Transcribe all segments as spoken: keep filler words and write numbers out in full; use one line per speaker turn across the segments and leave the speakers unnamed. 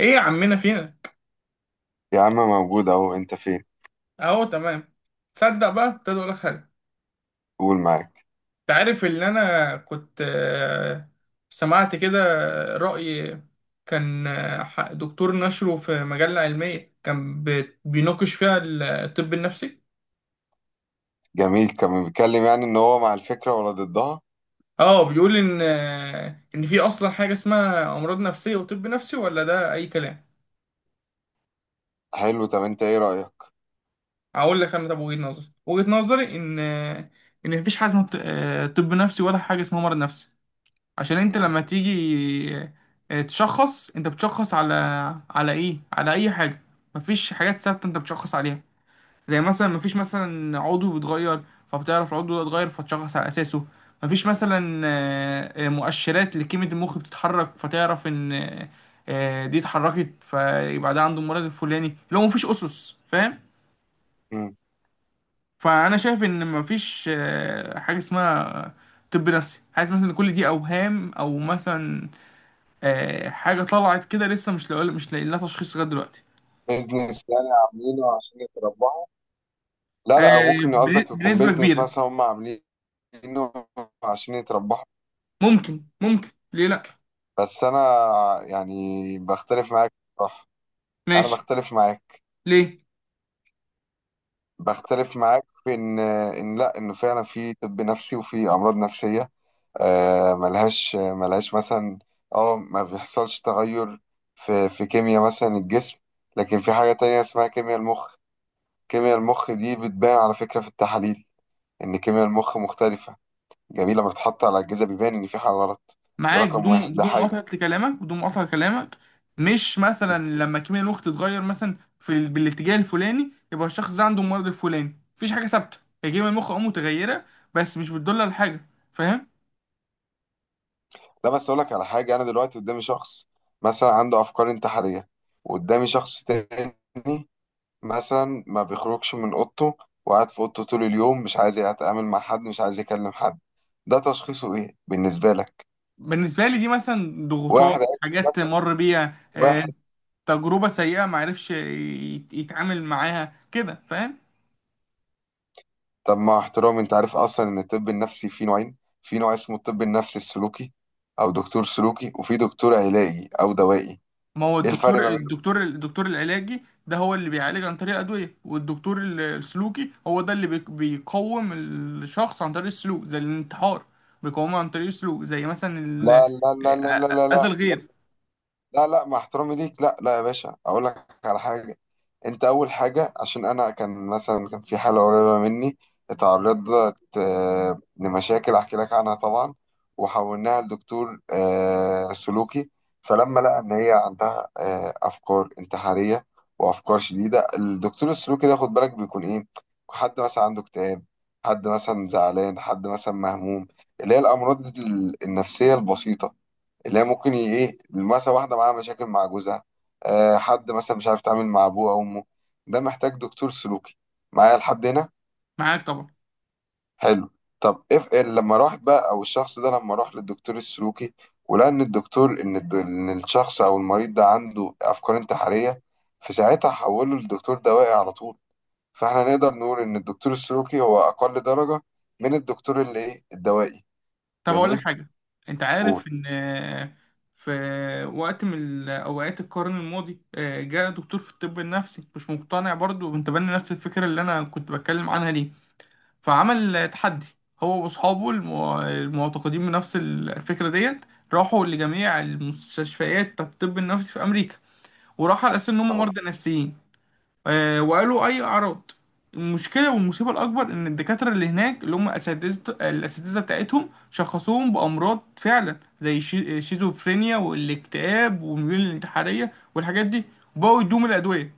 ايه يا عمنا فينا.
يا عم موجود اهو، انت فين؟
اهو تمام. تصدق بقى ابتدى اقول لك حاجه.
قول معاك.
انت عارف ان انا كنت آه، سمعت كده رأي. كان آه، ح- دكتور نشره في مجلة علمية، كان بي- بيناقش فيها ال- الطب النفسي.
جميل، كان بيتكلم يعني ان هو مع الفكره ولا ضدها؟
اه بيقول ان آه، ان في اصلا حاجه اسمها امراض نفسيه وطب نفسي، ولا ده اي كلام.
حلو، طب انت ايه رايك؟
اقول لك انا، طب وجهة نظري، وجهة نظري ان آه، ان مفيش حاجه اسمها ط- آه، طب نفسي، ولا حاجه اسمها مرض نفسي. عشان انت
مم.
لما تيجي آه، تشخص، انت بتشخص على، على ايه، على اي حاجه؟ مفيش حاجات ثابته انت بتشخص عليها. زي مثلا مفيش مثلا عضو بيتغير فبتعرف العضو ده اتغير فتشخص على اساسه. مفيش مثلا آه، آه، مؤشرات لكيمياء المخ بتتحرك فتعرف ان آه، آه، دي اتحركت فيبقى ده عنده المرض الفلاني. لو مفيش اسس، فاهم؟
مم.
فانا شايف ان مفيش آه، حاجه اسمها طب نفسي. حاسس مثلا ان كل دي اوهام، او مثلا آه، حاجة طلعت كده لسه مش لاقي، مش لاقي لها تشخيص لغاية دلوقتي.
بيزنس يعني عاملينه عشان يتربحوا؟ لا لا، أو
آه،
ممكن
بن-
قصدك يكون
بنسبة
بيزنس
كبيرة.
مثلا هم عاملينه عشان يتربحوا.
ممكن، ممكن، ليه لأ.
بس انا يعني بختلف معاك، صح. انا
ماشي.
بختلف معاك.
ليه؟
بختلف معاك في ان ان لا، انه فعلا في طب نفسي وفي امراض نفسيه. آه، ملهاش ملهاش مثلا اه ما بيحصلش تغير في في كيمياء مثلا الجسم، لكن في حاجة تانية اسمها كيمياء المخ. كيمياء المخ دي بتبان على فكرة في التحاليل إن كيمياء المخ مختلفة. جميل، لما بتتحط على الأجهزة بيبان إن في حاجة غلط. ده
معاك.
رقم
بدون،
واحد، ده
بدون
حاجة.
مقاطعة لكلامك بدون مقاطعة لكلامك. مش مثلا لما كيمياء الوقت تتغير مثلا في ال- بالاتجاه الفلاني يبقى الشخص ده عنده المرض الفلاني؟ مفيش حاجة ثابتة. هي كيمياء المخ اه متغيرة، بس مش بتدل على حاجة، فاهم؟
لا، بس أقول لك على حاجة. أنا دلوقتي قدامي شخص مثلا عنده أفكار انتحارية، وقدامي شخص تاني مثلا ما بيخرجش من اوضته، وقاعد في اوضته طول اليوم، مش عايز يتعامل مع حد، مش عايز يكلم حد. ده تشخيصه ايه بالنسبة لك؟
بالنسبة لي دي مثلا
واحد
ضغوطات،
عايز
حاجات
نفسه،
مر بيها، آه،
واحد.
تجربة سيئة، معرفش يت- يتعامل معاها كده، فاهم.
طب مع احترامي، انت عارف اصلا ان الطب النفسي فيه نوعين؟ في نوع اسمه الطب النفسي السلوكي او دكتور سلوكي، وفي دكتور علاجي او دوائي.
ما هو
ايه الفرق
الدكتور،
ما بينهم؟
الدكتور الدكتور العلاجي، ده هو اللي بيعالج عن طريق أدوية، والدكتور ال- السلوكي هو ده اللي بيك- بيقوم الشخص عن طريق السلوك زي الانتحار. بيقومه عن طريق السلوك زي مثلا
لا
ال-
لا
آ-
لا لا لا
آ-
لا
أذى
لا.
الغير.
لا لا، مع احترامي ليك، لا لا يا باشا، اقول لك على حاجه. انت اول حاجه، عشان انا كان مثلا كان في حاله قريبه مني، اتعرضت آه، لمشاكل احكي لك عنها طبعا، وحولناها لدكتور آه، سلوكي. فلما لقى ان هي عندها آه، افكار انتحاريه وافكار شديده، الدكتور السلوكي ده خد بالك بيكون ايه؟ حد مثلا عنده اكتئاب، حد مثلا زعلان، حد مثلا مهموم، اللي هي الامراض ال- النفسيه البسيطه، اللي هي ممكن ي- ايه، مثلا واحده معاها مشاكل مع جوزها، آه حد مثلا مش عارف يتعامل مع ابوه او امه. ده محتاج دكتور سلوكي. معايا لحد هنا؟
معاك طبعا.
حلو. طب اف إيه، لما راحت بقى او الشخص ده لما راح للدكتور السلوكي، ولقى ان الدكتور ان الد- إن الشخص او المريض ده عنده افكار انتحاريه، في ساعتها حوله للدكتور دوائي على طول. فاحنا نقدر نقول ان الدكتور السلوكي هو اقل درجه من الدكتور اللي ايه الدوائي.
طب أقول لك
جميل.
حاجة. أنت عارف
قول.
إن آه، في وقت من أوقات القرن الماضي آه، جاء دكتور في الطب النفسي مش مقتنع برضه، وأنت بني نفس الفكرة اللي أنا كنت بتكلم عنها دي. فعمل تحدي، هو واصحابه المو- المعتقدين بنفس الفكرة ديت. راحوا لجميع المستشفيات بتاعت الطب النفسي في امريكا، وراحوا على اساس ان هم
اه.
مرضى نفسيين. آه، وقالوا اي اعراض. المشكلة والمصيبة الأكبر إن الدكاترة اللي هناك اللي هم أساتذة الأساتذة بتاعتهم شخصوهم بأمراض فعلا زي الشي- الشيزوفرينيا والاكتئاب والميول الانتحارية والحاجات دي، وبقوا يدوهم الأدوية.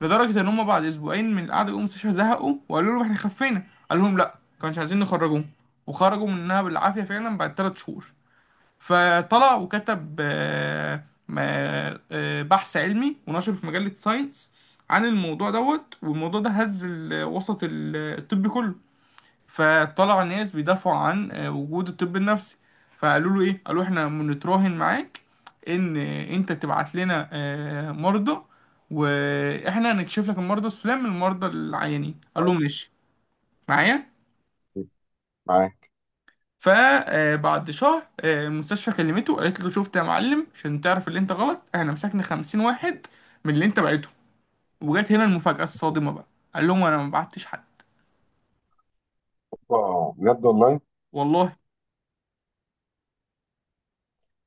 لدرجة إن هم بعد أسبوعين من القعدة جم المستشفى زهقوا وقالوا لهم إحنا خفينا. قال لهم لأ، كانش عايزين نخرجوهم. وخرجوا منها بالعافية فعلا بعد تلات شهور. فطلع وكتب آه، ما- آه، بحث علمي ونشره في مجلة ساينس عن الموضوع دوت. والموضوع ده هز ال- وسط ال- الطب كله. فطلع ناس بيدافعوا عن آه، وجود الطب النفسي. فقالوا له ايه، قالوا احنا بنتراهن معاك ان آه، انت تبعت لنا آه، مرضى، واحنا هنكشف لك المرضى السلام من المرضى العيانين. قال له
اه،
ماشي، معايا.
معاك.
فبعد شهر آه، المستشفى كلمته قالت له شفت يا معلم، عشان تعرف اللي انت غلط، احنا مسكنا خمسين واحد من اللي انت بعته. وجات هنا المفاجأة الصادمة بقى، قال لهم انا ما بعتش حد.
آه، بجد والله؟
والله.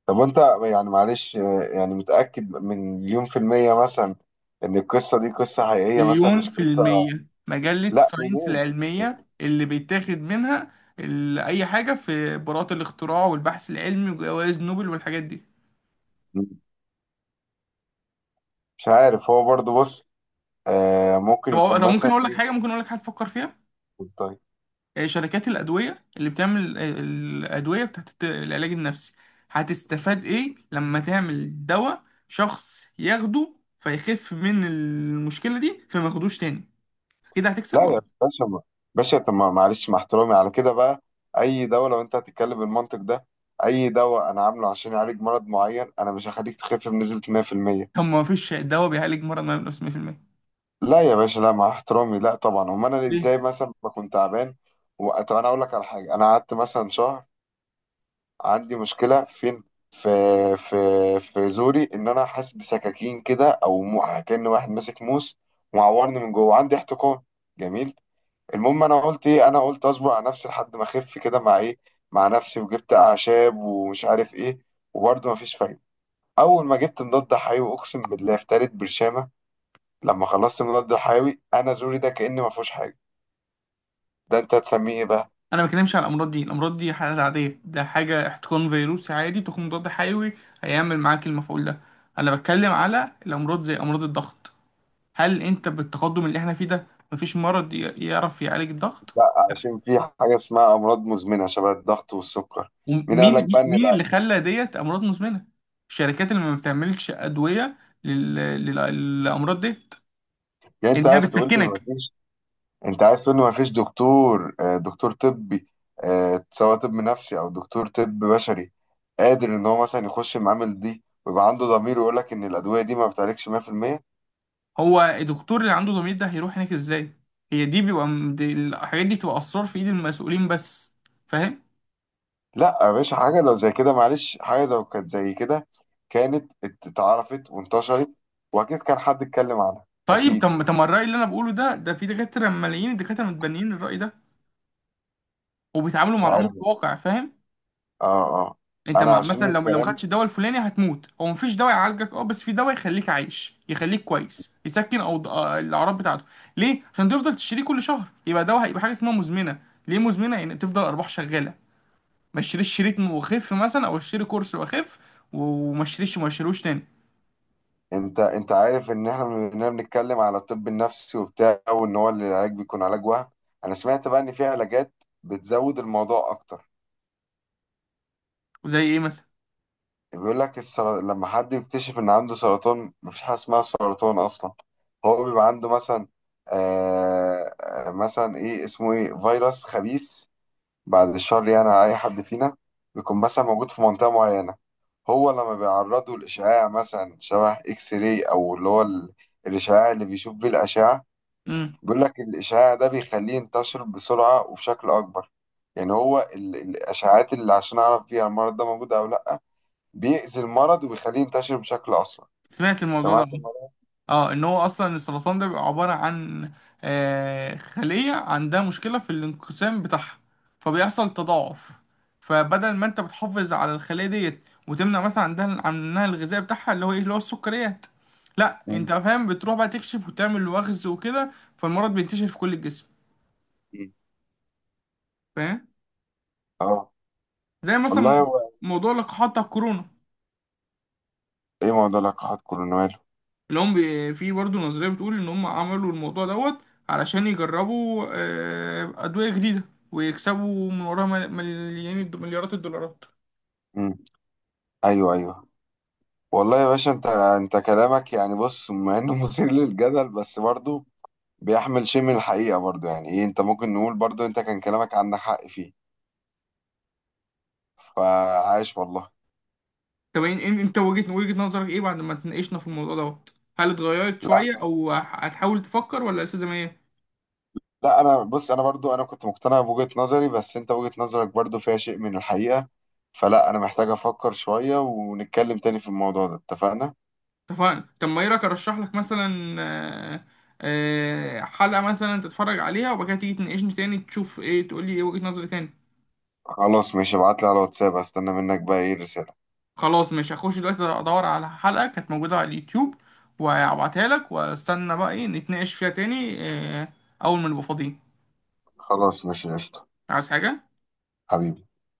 طب وانت يعني معلش آه، يعني متأكد من مليون في المية مثلا ان القصة دي قصة حقيقية، مثلا
مليون
مش
في
قصة؟
المية. مجلة
لا،
ساينس
منين؟
العلمية اللي بيتاخد منها ال- أي حاجة في براءة الاختراع والبحث العلمي وجوائز نوبل والحاجات دي.
مش عارف، هو برضو بص آه ممكن
طب
يكون
طب ممكن
مثلا
أقول لك
ايه.
حاجة، ممكن أقول لك حاجة تفكر فيها.
طيب.
آه، شركات الأدوية اللي بتعمل آه، الأدوية بتاعت الت- العلاج النفسي، هتستفاد إيه لما تعمل دواء شخص ياخده فيخف من المشكلة دي فما ياخدوش تاني؟ كده هتكسب
لا
ولا؟
يا باشا ما. باشا طب ما- معلش، مع احترامي على كده بقى، اي دواء لو انت هتتكلم بالمنطق ده، اي دواء انا عامله عشان يعالج مرض معين، انا مش هخليك تخف بنسبة مية في المية.
طب ما فيش دواء بيعالج مرض نفسي مية في المية،
لا يا باشا لا، مع احترامي، لا طبعا، امال انا
ليه؟
ازاي مثلا بكون تعبان؟ و- طب انا اقول لك على حاجه. انا قعدت مثلا شهر عندي مشكله فين؟ في في في زوري، ان انا حاسس بسكاكين كده او مو- كأن واحد ماسك موس ومعورني من جوه، عندي احتقان. جميل. المهم انا قلت ايه؟ انا قلت اصبر على نفسي لحد ما اخف كده مع ايه، مع نفسي، وجبت اعشاب ومش عارف ايه. وبرضه مفيش فايده. اول ما جبت مضاد حيوي، اقسم بالله في تالت برشامه لما خلصت المضاد الحيوي، انا زوري ده كأن ما فيهوش حاجه. ده انت هتسميه ايه بقى؟
انا ما بتكلمش على الامراض دي. الامراض دي حالات عاديه، ده حاجه احتقان فيروسي عادي، تاخد مضاد حيوي هيعمل معاك المفعول ده. انا بتكلم على الامراض زي امراض الضغط. هل انت بالتقدم اللي احنا فيه ده مفيش مرض ي- يعرف يعالج الضغط؟ لا.
عشان في حاجه اسمها امراض مزمنه شبه الضغط والسكر. مين قال لك بقى
ومين،
ان
مين
الع-
اللي خلى ديت امراض مزمنه؟ الشركات اللي ما بتعملش ادويه لل... لل... للامراض ديت،
يعني انت
لانها
عايز تقول لي ما
بتسكنك.
فيش، انت عايز تقول لي ما فيش دكتور آه، دكتور طبي، آه، سواء طب نفسي او دكتور طب بشري، قادر ان هو مثلا يخش المعامل دي ويبقى عنده ضمير ويقول لك ان الادويه دي ما بتعالجش مية في المية؟
هو الدكتور اللي عنده ضمير ده هيروح هناك ازاي؟ هي دي بيبقى، دي الحاجات دي بتبقى اسرار في ايد المسؤولين بس، فاهم؟
لا يا باشا، حاجه لو زي كده، معلش، حاجه لو كانت زي كده كانت اتعرفت وانتشرت، واكيد كان حد اتكلم عنها.
طيب.
اكيد.
طب طب ما الرأي اللي انا بقوله ده، ده في دكاترة، ملايين الدكاترة متبنيين الرأي ده وبيتعاملوا
مش
مع
عارف.
الأمر
اه.
الواقع، فاهم.
اه.
انت
انا
مع
عشان
مثلا لو، لو ما
الكلام.
خدتش الدواء الفلاني هتموت، هو مفيش دواء يعالجك اه، بس في دواء يخليك عايش يخليك كويس يسكن او آه، الاعراض بتاعته. ليه؟ عشان تفضل تشتريه كل شهر، يبقى دواء هيبقى حاجة اسمها مزمنة. ليه مزمنة؟ يعني تفضل ارباح شغالة. ما اشتريش شريط وخف مثلا، او اشتري كورس واخف وما اشتريش، ما اشتروش تاني.
انت انت عارف ان احنا بننا بنتكلم على الطب النفسي وبتاع، وان هو العلاج بيكون علاج وهم. انا سمعت بقى ان في علاجات بتزود الموضوع اكتر.
زي ايه مثلا؟
بيقول لك السر، لما حد يكتشف ان عنده سرطان، مفيش حاجه اسمها سرطان اصلا، هو بيبقى عنده مثلا آه آه، مثلا ايه اسمه ايه، فيروس خبيث، بعد الشر يعني على أي حد فينا، بيكون مثلا موجود في منطقة معينة. هو لما بيعرضه لإشعاع مثلا شبه إكس راي أو اللي هو ال- الإشعاع اللي بيشوف بيه الأشعة،
امم.
بيقول لك الإشعاع ده بيخليه ينتشر بسرعة وبشكل أكبر. يعني هو ال- الإشعاعات اللي عشان أعرف فيها المرض ده موجود أو لأ، بيأذي المرض وبيخليه ينتشر بشكل أسرع.
سمعت الموضوع ده.
سمعت المرض؟
اه، ان هو اصلا السرطان ده بيبقى عبارة عن آه، خلية عندها مشكلة في الانقسام بتاعها، فبيحصل تضاعف. فبدل ما انت بتحافظ على الخلية ديت وتمنع مثلا عندها عنها الغذاء بتاعها اللي هو ايه، اللي هو السكريات، لا
مم.
انت فاهم بتروح بقى تكشف وتعمل وخز وكده، فالمرض بينتشر في كل الجسم، فاهم.
اه.
زي مثلا
والله
موضوع،
هو.
موضوع لقاحات بتاع الكورونا،
إيه موضوع لقاحات كورونا ماله؟
اللي هم بي- في برضه نظرية بتقول إن هم عملوا الموضوع دوت علشان يجربوا آه، أدوية جديدة ويكسبوا من وراها مل- مليان الد- مليارات الدولارات.
مم. أيوه أيوه. والله يا باشا، انت انت كلامك يعني بص، مع انه مثير للجدل، بس برضه بيحمل شيء من الحقيقة برضه. يعني ايه، انت ممكن نقول برضه انت كان كلامك عندك حق فيه. فعاش والله.
طب إن- إن- انت وجهة، وجهة نظرك ايه بعد ما اتناقشنا في الموضوع دوت؟ هل اتغيرت
لا
شوية، او ه- هتحاول تفكر، ولا لسه زي ما هي؟
لا، انا بص، انا برضه انا كنت مقتنع بوجهة نظري، بس انت وجهة نظرك برضه فيها شيء من الحقيقة. فلا، انا محتاج افكر شوية ونتكلم تاني في الموضوع ده. اتفقنا؟
اتفقنا. طب ما ايه رأيك ارشح لك مثلا آه، آه، حلقة مثلا تتفرج عليها، وبعد كده تيجي تناقشني تاني تشوف ايه، تقول لي ايه وجهة نظري تاني.
خلاص ماشي، ابعت لي على الواتساب، استنى منك بقى ايه الرسالة.
خلاص مش هخش دلوقتي ادور على حلقة كانت موجودة على اليوتيوب وهبعتها لك، واستنى بقى ايه نتناقش فيها تاني، آه، اول ما نبقى فاضيين.
خلاص ماشي، قشطة.
عايز حاجة؟
حبيبي.